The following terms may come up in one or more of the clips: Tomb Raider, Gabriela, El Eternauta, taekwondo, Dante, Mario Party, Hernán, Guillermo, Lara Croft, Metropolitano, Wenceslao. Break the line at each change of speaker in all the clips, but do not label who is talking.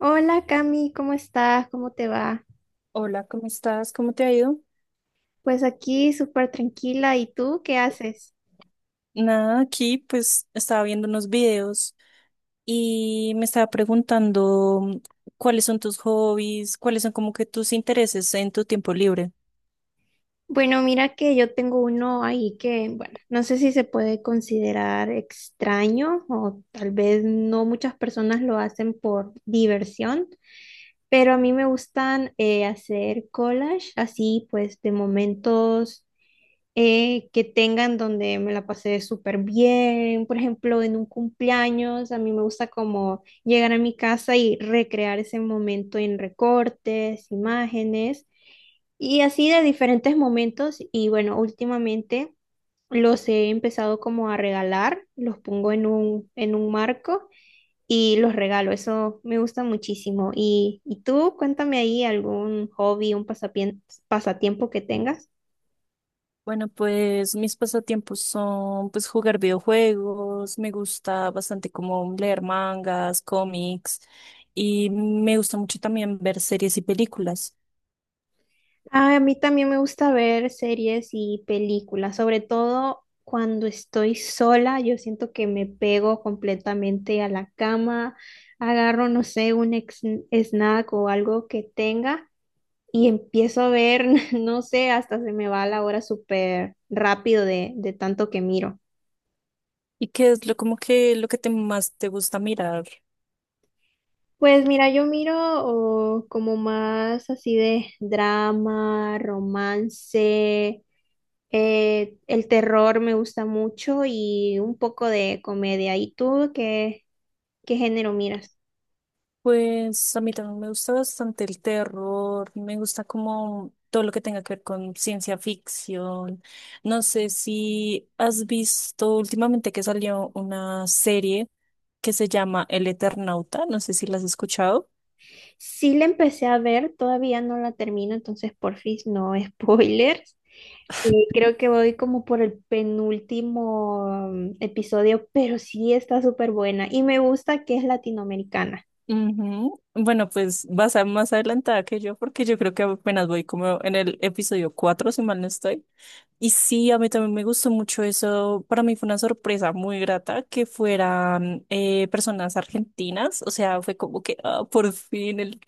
Hola Cami, ¿cómo estás? ¿Cómo te va?
Hola, ¿cómo estás? ¿Cómo te ha ido?
Pues aquí súper tranquila. ¿Y tú qué haces?
Nada, aquí pues estaba viendo unos videos y me estaba preguntando cuáles son tus hobbies, cuáles son como que tus intereses en tu tiempo libre.
Bueno, mira que yo tengo uno ahí que, bueno, no sé si se puede considerar extraño o tal vez no muchas personas lo hacen por diversión, pero a mí me gustan hacer collage así pues de momentos que tengan donde me la pasé súper bien. Por ejemplo, en un cumpleaños, a mí me gusta como llegar a mi casa y recrear ese momento en recortes, imágenes y así de diferentes momentos. Y bueno, últimamente los he empezado como a regalar, los pongo en un marco. Y los regalo, eso me gusta muchísimo. Y tú, cuéntame ahí algún hobby, un pasatiempo que tengas.
Bueno, pues mis pasatiempos son pues jugar videojuegos, me gusta bastante como leer mangas, cómics y me gusta mucho también ver series y películas.
Ah, a mí también me gusta ver series y películas, sobre todo cuando estoy sola, yo siento que me pego completamente a la cama, agarro, no sé, snack o algo que tenga y empiezo a ver, no sé, hasta se me va la hora súper rápido de tanto que miro.
¿Y qué es lo como que lo que te más te gusta mirar?
Pues mira, yo miro oh, como más así de drama, romance. El terror me gusta mucho y un poco de comedia. ¿Qué género miras?
Pues a mí también me gusta bastante el terror, me gusta como todo lo que tenga que ver con ciencia ficción. No sé si has visto últimamente que salió una serie que se llama El Eternauta, no sé si la has escuchado.
Sí, la empecé a ver, todavía no la termino, entonces porfis, no spoilers. Creo que voy como por el penúltimo episodio, pero sí está súper buena y me gusta que es latinoamericana.
Ujú. Bueno, pues vas a más adelantada que yo porque yo creo que apenas voy como en el episodio 4 si mal no estoy. Y sí, a mí también me gustó mucho eso. Para mí fue una sorpresa muy grata que fueran personas argentinas. O sea, fue como que ah, por fin el,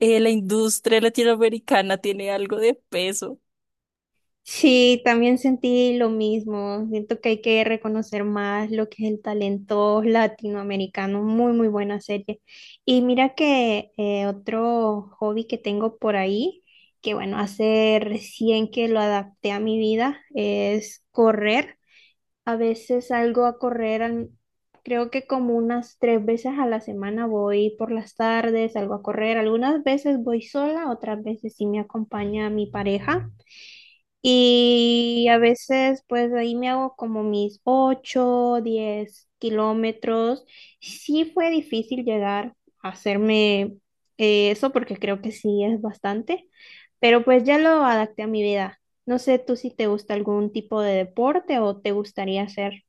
eh, la industria latinoamericana tiene algo de peso.
Sí, también sentí lo mismo. Siento que hay que reconocer más lo que es el talento latinoamericano. Muy, muy buena serie. Y mira que otro hobby que tengo por ahí, que bueno, hace recién que lo adapté a mi vida, es correr. A veces salgo a correr, creo que como unas 3 veces a la semana voy por las tardes, salgo a correr. Algunas veces voy sola, otras veces sí me acompaña mi pareja. Y a veces, pues ahí me hago como mis 8 10 kilómetros. Sí, fue difícil llegar a hacerme eso porque creo que sí es bastante, pero pues ya lo adapté a mi vida. No sé tú si te gusta algún tipo de deporte o te gustaría hacer.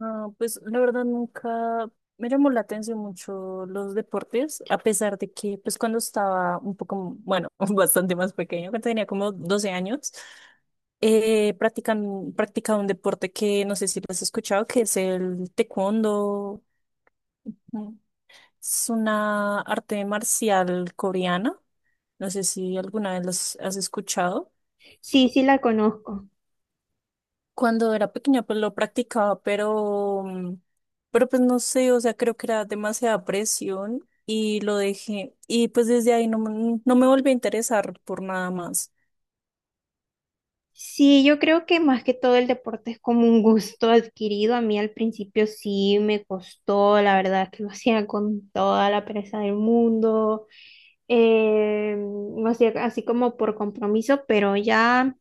Ah, pues la verdad nunca me llamó la atención mucho los deportes, a pesar de que pues cuando estaba un poco, bueno, bastante más pequeño, cuando tenía como 12 años, practicaba un deporte que no sé si lo has escuchado, que es el taekwondo. Mm, Es una arte marcial coreana, no sé si alguna vez los has escuchado.
Sí, sí la conozco.
Cuando era pequeña, pues lo practicaba, pero, pero pues no sé, o sea, creo que era demasiada presión y lo dejé. Y pues desde ahí no, no me volví a interesar por nada más.
Sí, yo creo que más que todo el deporte es como un gusto adquirido. A mí al principio sí me costó, la verdad que lo hacía con toda la pereza del mundo, lo hacía así como por compromiso, pero ya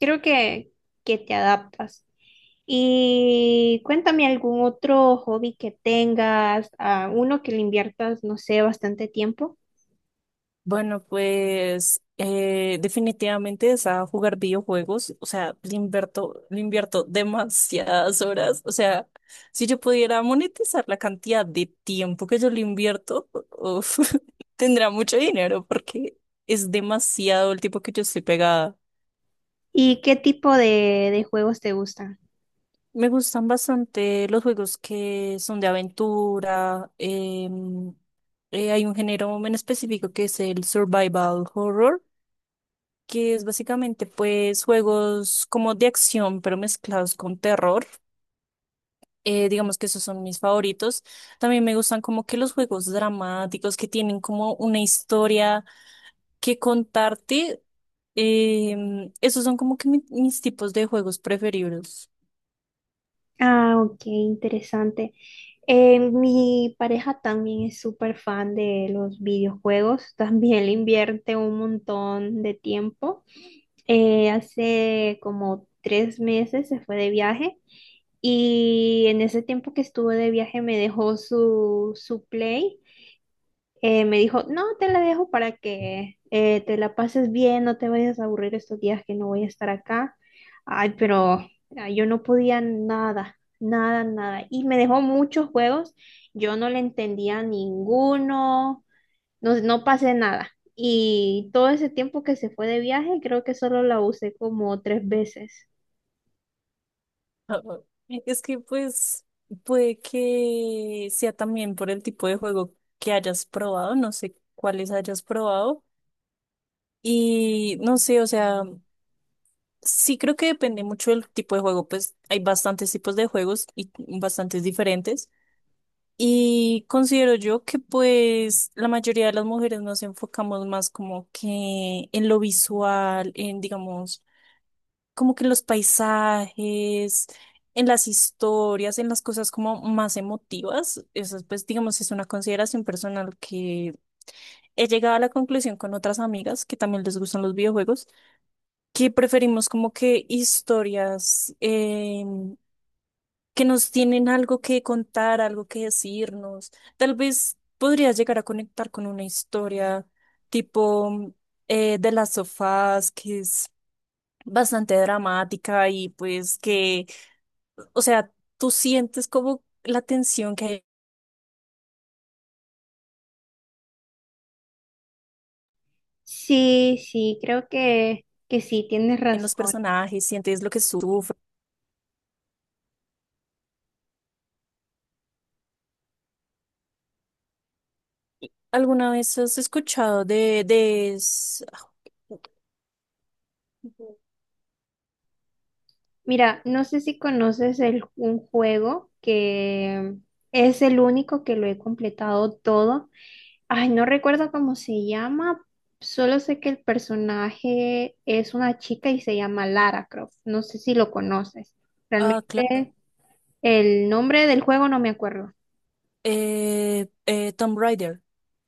creo que te adaptas. Y cuéntame algún otro hobby que tengas, a uno que le inviertas, no sé, bastante tiempo.
Bueno, pues definitivamente es a jugar videojuegos, o sea, le invierto demasiadas horas, o sea, si yo pudiera monetizar la cantidad de tiempo que yo le invierto, uf, tendría mucho dinero porque es demasiado el tiempo que yo estoy pegada.
¿Y qué tipo de juegos te gustan?
Me gustan bastante los juegos que son de aventura. Hay un género en específico que es el survival horror, que es básicamente pues juegos como de acción, pero mezclados con terror. Digamos que esos son mis favoritos. También me gustan como que los juegos dramáticos que tienen como una historia que contarte. Esos son como que mis tipos de juegos preferidos.
Ah, ok, interesante. Mi pareja también es súper fan de los videojuegos, también le invierte un montón de tiempo. Hace como 3 meses se fue de viaje y en ese tiempo que estuve de viaje me dejó su Play. Me dijo, no, te la dejo para que te la pases bien, no te vayas a aburrir estos días que no voy a estar acá. Ay, pero ah, yo no podía nada, nada, nada. Y me dejó muchos juegos, yo no le entendía ninguno, no, no pasé nada. Y todo ese tiempo que se fue de viaje, creo que solo la usé como 3 veces.
Ah, ah. Es que pues puede que sea también por el tipo de juego que hayas probado, no sé cuáles hayas probado. Y no sé, o sea, sí creo que depende mucho del tipo de juego, pues hay bastantes tipos de juegos y bastantes diferentes. Y considero yo que pues la mayoría de las mujeres nos enfocamos más como que en lo visual, en digamos, como que en los paisajes, en las historias, en las cosas como más emotivas. Eso pues digamos es una consideración personal que he llegado a la conclusión con otras amigas que también les gustan los videojuegos, que preferimos como que historias. Que nos tienen algo que contar, algo que decirnos. Tal vez podrías llegar a conectar con una historia tipo de las sofás, que es bastante dramática y pues que, o sea, tú sientes como la tensión que hay
Sí, sí, creo que sí, tienes
en los
razón.
personajes, sientes lo que sufren. ¿Alguna vez has escuchado de... es-
Mira, no sé si conoces un juego que es el único que lo he completado todo. Ay, no recuerdo cómo se llama, solo sé que el personaje es una chica y se llama Lara Croft. No sé si lo conoces.
Ah, claro.
Realmente el nombre del juego no me acuerdo.
Tomb Raider.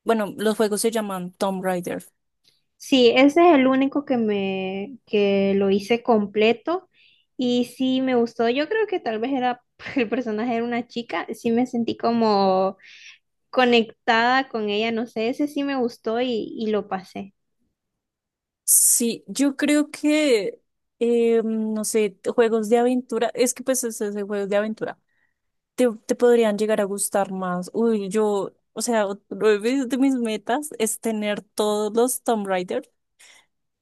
Bueno, los juegos se llaman Tomb Raider.
Sí, ese es el único que me que lo hice completo y sí me gustó. Yo creo que tal vez era el personaje era una chica, sí me sentí como conectada con ella, no sé, ese sí me gustó y lo pasé.
Sí, yo creo que, no sé, juegos de aventura, es que pues es esos juegos de aventura te, te podrían llegar a gustar más. Uy, yo, o sea, otro de mis metas es tener todos los Tomb Raider,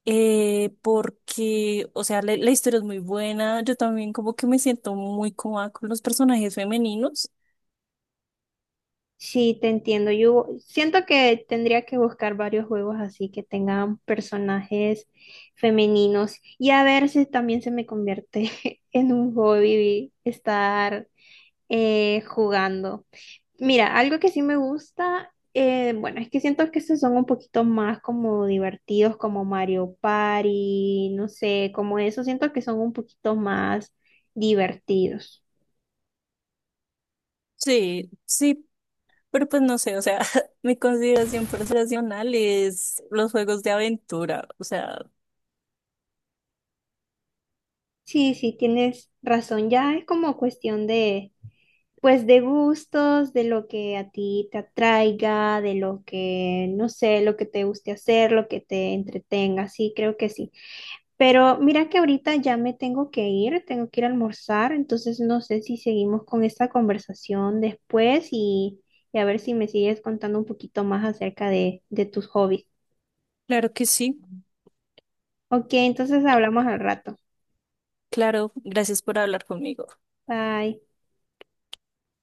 porque, o sea, la historia es muy buena, yo también como que me siento muy cómoda con los personajes femeninos.
Sí, te entiendo. Yo siento que tendría que buscar varios juegos así que tengan personajes femeninos y a ver si también se me convierte en un hobby estar jugando. Mira, algo que sí me gusta, bueno, es que siento que estos son un poquito más como divertidos, como Mario Party, no sé, como eso, siento que son un poquito más divertidos.
Sí, sí, pero pues no sé, o sea, mi consideración personal es los juegos de aventura, o sea,
Sí, sí, tienes razón, ya es como cuestión de, pues, de gustos, de lo que a ti te atraiga, de lo que, no sé, lo que te guste hacer, lo que te entretenga, sí, creo que sí. Pero mira que ahorita ya me tengo que ir a almorzar, entonces no sé si seguimos con esta conversación después y a ver si me sigues contando un poquito más acerca de tus hobbies.
claro que sí.
Ok, entonces hablamos al rato.
Claro, gracias por hablar conmigo.
Bye.